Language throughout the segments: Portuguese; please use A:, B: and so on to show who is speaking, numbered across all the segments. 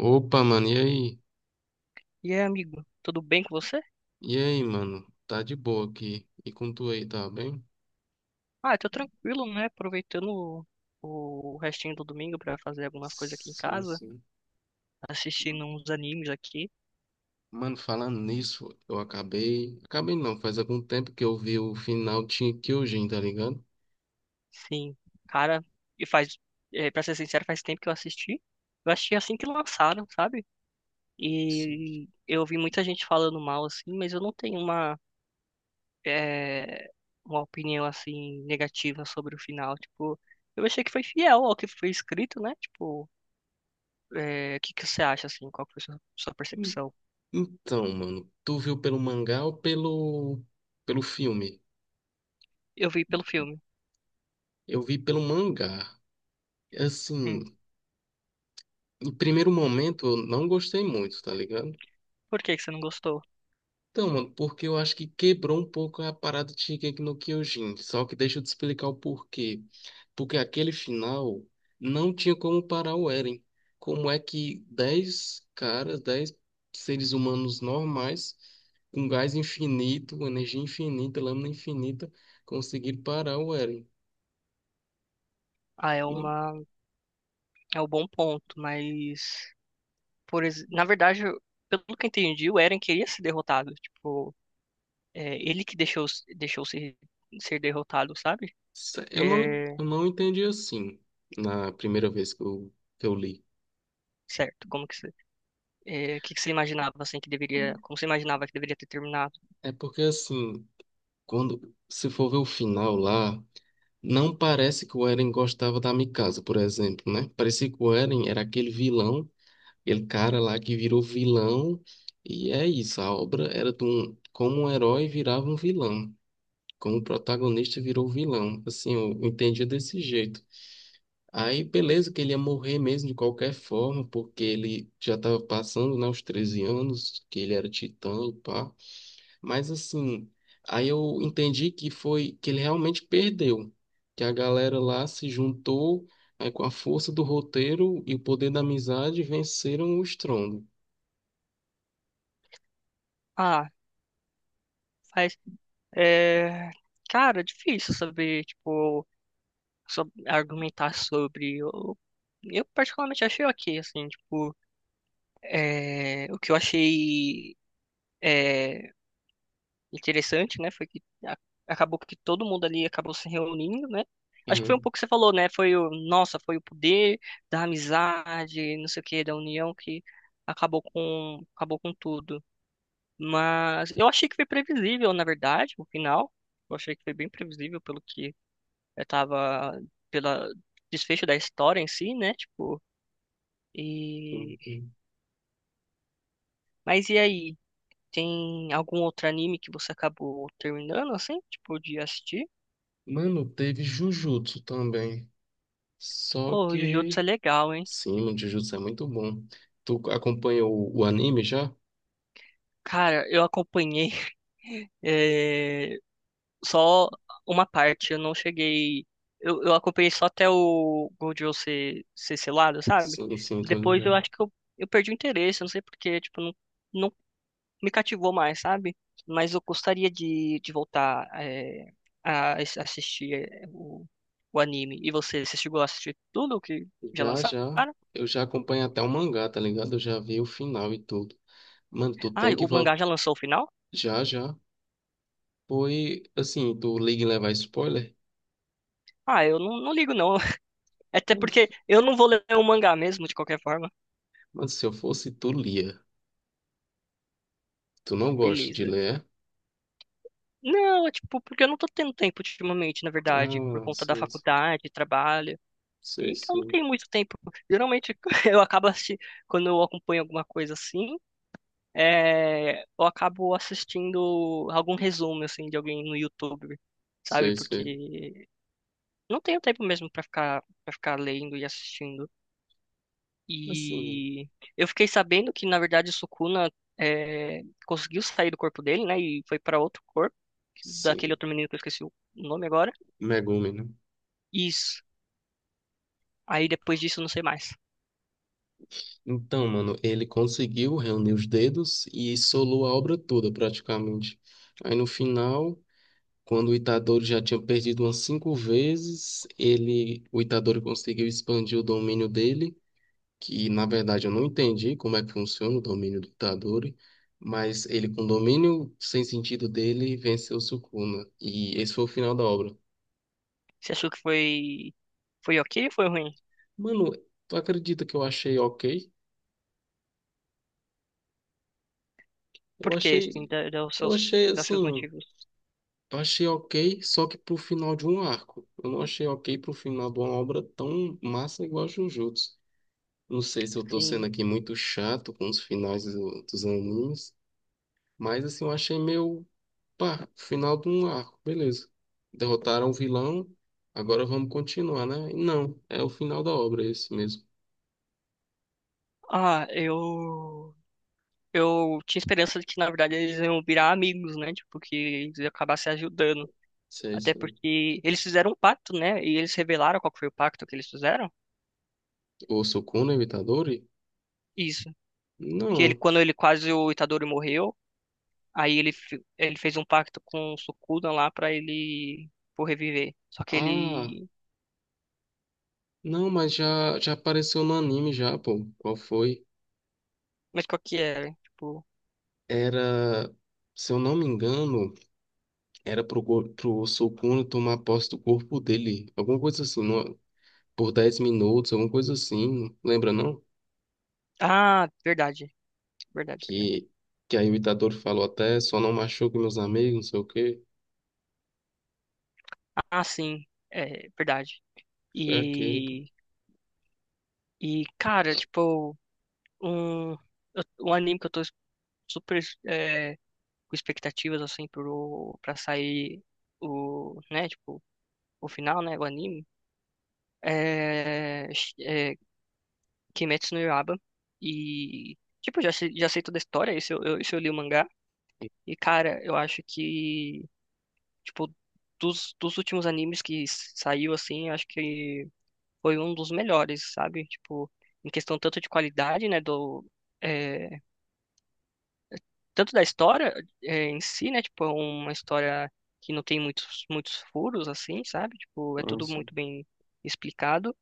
A: Opa, mano, e aí?
B: E aí, amigo, tudo bem com você?
A: E aí, mano? Tá de boa aqui. E com tu aí, tá bem?
B: Ah, tô tranquilo, né? Aproveitando o restinho do domingo pra fazer algumas coisas aqui em
A: Sim,
B: casa,
A: sim.
B: assistindo uns animes aqui.
A: Mano, falando nisso, eu acabei. Acabei não, faz algum tempo que eu vi o final de Kyojin, tá ligado?
B: Sim, cara, e faz, pra ser sincero, faz tempo que eu assisti. Eu achei assim que lançaram, sabe?
A: Sim,
B: E eu ouvi muita gente falando mal assim, mas eu não tenho é, uma opinião assim negativa sobre o final. Tipo, eu achei que foi fiel ao que foi escrito, né? Tipo, o que que você acha assim? Qual foi a sua
A: sim.
B: percepção?
A: Então, mano, tu viu pelo mangá ou pelo pelo filme?
B: Eu vi pelo filme.
A: Eu vi pelo mangá. Assim,
B: Hum.
A: em primeiro momento eu não gostei muito, tá ligado?
B: Por que que você não gostou?
A: Então, mano, porque eu acho que quebrou um pouco a parada de Shingeki no Kyojin. Só que deixa eu te explicar o porquê. Porque aquele final não tinha como parar o Eren. Como é que 10 caras, 10 seres humanos normais, com gás infinito, energia infinita, lâmina infinita, conseguiram parar o Eren?
B: Ah, é
A: Não-
B: uma, é um bom ponto, mas por, ex- na verdade, eu- pelo que eu entendi, o Eren queria ser derrotado, tipo, ele que deixou ser derrotado, sabe?
A: sé- Eu não,
B: É,
A: eu não entendi assim na primeira vez que eu li.
B: certo, como que você, é, que você imaginava assim que deveria, como você imaginava que deveria ter terminado?
A: É porque assim, quando se for ver o final lá. Não parece que o Eren gostava da Mikasa, por exemplo, né? Parecia que o Eren era aquele vilão, aquele cara lá que virou vilão. E é isso, a obra era de um, como um herói virava um vilão, como o protagonista virou vilão. Assim, eu entendia desse jeito. Aí, beleza, que ele ia morrer mesmo de qualquer forma, porque ele já estava passando, né, os 13 anos, que ele era titã e pá. Mas assim, aí eu entendi que foi que ele realmente perdeu, que a galera lá se juntou, aí com a força do roteiro e o poder da amizade venceram o estrondo.
B: Ah, faz, é, cara, é difícil saber, tipo, só argumentar sobre. Eu particularmente achei ok, assim, tipo. O que eu achei é, interessante, né, foi acabou que todo mundo ali acabou se reunindo, né? Acho que foi um
A: Hum,
B: pouco que você falou, né? Foi nossa, foi o poder da amizade, não sei o quê, da união que acabou com tudo. Mas eu achei que foi previsível, na verdade, no final. Eu achei que foi bem previsível pelo que eu tava, pela desfecho da história em si, né? E
A: hum, hum.
B: mas e aí? Tem algum outro anime que você acabou terminando, assim? Tipo, de assistir?
A: Mano, teve Jujutsu também. Só
B: Ô, o Jujutsu é
A: que
B: legal, hein?
A: sim, o Jujutsu é muito bom. Tu acompanha o anime já?
B: Cara, eu acompanhei eh, só uma parte. Eu não cheguei. Eu acompanhei só até o Gojo ser selado, sabe?
A: Sim, sim, tô
B: Depois eu
A: ligado.
B: acho que eu perdi o interesse. Eu não sei porque, tipo, não, não me cativou mais, sabe? Mas eu gostaria de voltar a assistir o anime. E você, você chegou a assistir tudo que já
A: Já,
B: lançaram?
A: já. Eu já acompanho até o mangá, tá ligado? Eu já vi o final e tudo. Mano, tu
B: Ah,
A: tem que
B: o mangá
A: voltar.
B: já lançou o final?
A: Já, já. Foi assim, tu liga e levar spoiler?
B: Ah, eu não, não ligo não. Até
A: Mano,
B: porque eu não vou ler o mangá mesmo, de qualquer forma.
A: mano, se eu fosse, tu lia. Tu não gosta de
B: Beleza.
A: ler, é?
B: Não, é tipo, porque eu não tô tendo tempo ultimamente, na verdade, por
A: Ah,
B: conta da
A: sei, sei,
B: faculdade, trabalho. E
A: sei,
B: então não tenho muito tempo. Geralmente eu acabo assistindo, quando eu acompanho alguma coisa assim, eu acabo assistindo algum resumo, assim, de alguém no YouTube, sabe?
A: sei, sei.
B: Porque não tenho tempo mesmo para ficar lendo e assistindo.
A: Assim,
B: E eu fiquei sabendo que, na verdade, o Sukuna conseguiu sair do corpo dele, né? E foi para outro corpo, daquele
A: sim.
B: outro menino que eu esqueci o nome agora.
A: Megumi, né?
B: Isso. Aí depois disso, eu não sei mais.
A: Então, mano, ele conseguiu reunir os dedos e solou a obra toda, praticamente. Aí no final, quando o Itadori já tinha perdido umas 5 vezes, ele, o Itadori conseguiu expandir o domínio dele. Que na verdade eu não entendi como é que funciona o domínio do Itadori, mas ele com o domínio sem sentido dele venceu o Sukuna, e esse foi o final da obra.
B: Você achou que foi, foi ok ou foi ruim?
A: Mano, tu acredita que eu achei ok? Eu
B: Por quê? Assim,
A: achei, eu achei
B: dá os seus
A: assim,
B: motivos.
A: eu achei ok, só que pro final de um arco. Eu não achei ok pro final de uma obra tão massa igual a Jujutsu. Não sei se eu tô sendo
B: Sim.
A: aqui muito chato com os finais dos animes. Mas assim, eu achei meio, pá, final de um arco, beleza. Derrotaram o vilão, agora vamos continuar, né? E não, é o final da obra esse mesmo.
B: Ah, eu. Eu tinha esperança de que, na verdade, eles iam virar amigos, né? Tipo, que eles iam acabar se ajudando.
A: Se é
B: Até
A: esse.
B: porque eles fizeram um pacto, né? E eles revelaram qual que foi o pacto que eles fizeram.
A: O Sukuna Itadori?
B: Isso. Que ele,
A: Não.
B: quando ele quase o Itadori morreu, ele fez um pacto com o Sukudan lá pra ele por reviver. Só que
A: Ah,
B: ele.
A: não, mas já, já apareceu no anime já, pô. Qual foi?
B: Mas qual que era? Tipo.
A: Era, se eu não me engano, era pro, pro Sukuna tomar posse do corpo dele. Alguma coisa assim, não, por 10 minutos, alguma coisa assim. Lembra, não?
B: Ah, verdade. Verdade, verdade.
A: que, que aí o ditador falou até, só não machuque meus amigos, não sei o quê.
B: Ah, sim. É, verdade.
A: Foi aquele, pô.
B: E. E, cara, tipo, um, eu- um anime que eu tô super com expectativas, assim, pra sair o, né, tipo, o final, né, o anime. É, é Kimetsu no Yaiba. E, tipo, já sei toda a história, isso eu li o mangá. E, cara, eu acho que, tipo, dos últimos animes que saiu, assim, eu acho que foi um dos melhores, sabe? Tipo, em questão tanto de qualidade, né, do... é, tanto da história em si, né? Tipo, é uma história que não tem muitos furos, assim, sabe? Tipo, é tudo
A: Sim,
B: muito bem explicado.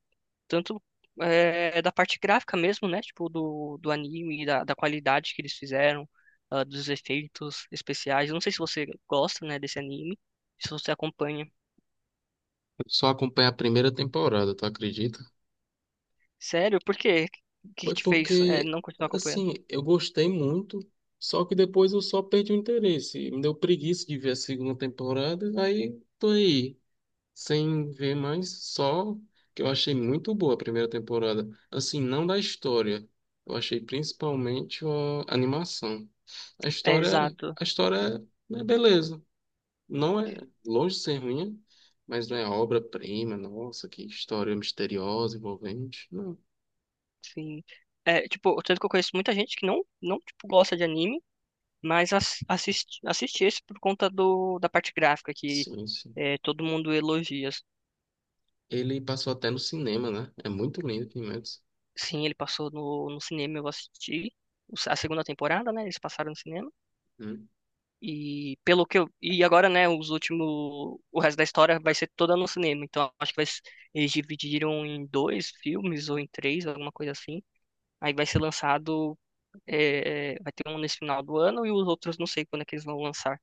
B: Tanto da parte gráfica mesmo, né? Tipo, do anime, da qualidade que eles fizeram, ah, dos efeitos especiais. Eu não sei se você gosta, né, desse anime, se você acompanha.
A: eu só acompanhei a primeira temporada, tu acredita?
B: Sério? Por quê? O que que
A: Foi
B: te fez
A: porque,
B: não continuar acompanhando?
A: assim, eu gostei muito, só que depois eu só perdi o interesse. Me deu preguiça de ver a segunda temporada, aí tô aí, sem ver mais, só que eu achei muito boa a primeira temporada. Assim, não da história. Eu achei principalmente a animação.
B: É, exato,
A: A história é beleza. Não é longe de ser ruim, mas não é obra-prima, nossa, que história misteriosa, envolvente. Não,
B: sim. É, tipo, tanto que eu conheço muita gente que não, não tipo, gosta de anime, mas assiste, assiste esse por conta da parte gráfica, que
A: sim, sim.
B: todo mundo elogia.
A: Ele passou até no cinema, né? É muito lindo Twin Metals.
B: Sim, ele passou no cinema, eu assisti a segunda temporada, né? Eles passaram no cinema.
A: Hum.
B: E pelo que eu, e agora, né, os últimos, o resto da história vai ser toda no cinema. Então acho que eles dividiram em dois filmes ou em três, alguma coisa assim. Aí vai ser lançado, vai ter um nesse final do ano e os outros não sei quando é que eles vão lançar.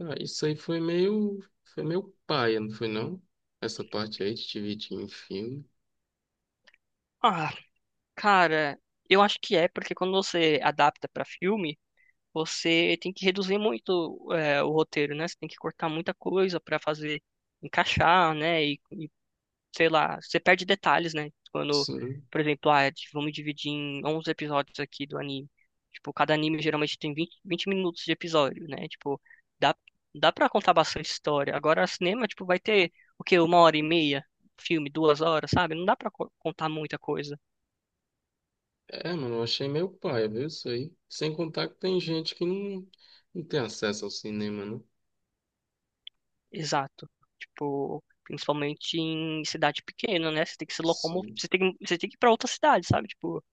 A: Ah, isso aí foi meio paia, não foi não? Essa parte aí de dividir em filme.
B: Ah, cara, eu acho que é porque quando você adapta pra filme você tem que reduzir muito o roteiro, né? Você tem que cortar muita coisa para fazer encaixar, né? E, sei lá, você perde detalhes, né? Quando,
A: Sim.
B: por exemplo, ah, vamos dividir em 11 episódios aqui do anime. Tipo, cada anime geralmente tem 20 minutos de episódio, né? Tipo, dá, dá para contar bastante história. Agora, cinema, tipo, vai ter o quê? Uma hora e meia? Filme, duas horas, sabe? Não dá para contar muita coisa.
A: É, mano, eu achei meio paia, viu isso aí? Sem contar que tem gente que não, não tem acesso ao cinema, né?
B: Exato. Tipo, principalmente em cidade pequena, né? Você tem que se locomover,
A: Sim.
B: você tem que ir pra outra cidade, sabe? Tipo,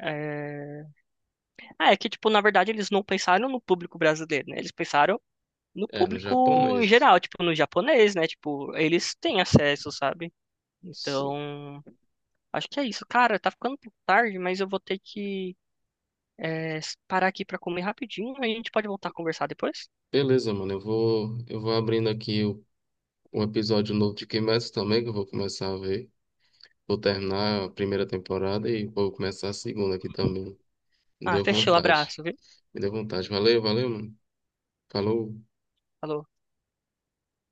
B: é... Ah, é que, tipo, na verdade eles não pensaram no público brasileiro, né? Eles pensaram no
A: É, no
B: público em
A: japonês.
B: geral, tipo, no japonês, né? Tipo, eles têm acesso, sabe?
A: Sim.
B: Então, acho que é isso. Cara, tá ficando um pouco tarde, mas eu vou ter que é, parar aqui pra comer rapidinho, aí a gente pode voltar a conversar depois.
A: Beleza, mano. Eu vou abrindo aqui o um episódio novo de Kimetsu também, que eu vou começar a ver. Vou terminar a primeira temporada e vou começar a segunda aqui também. Me
B: Ah,
A: deu
B: fechou,
A: vontade.
B: abraço, viu?
A: Me deu vontade. Valeu, valeu, mano. Falou.
B: Falou.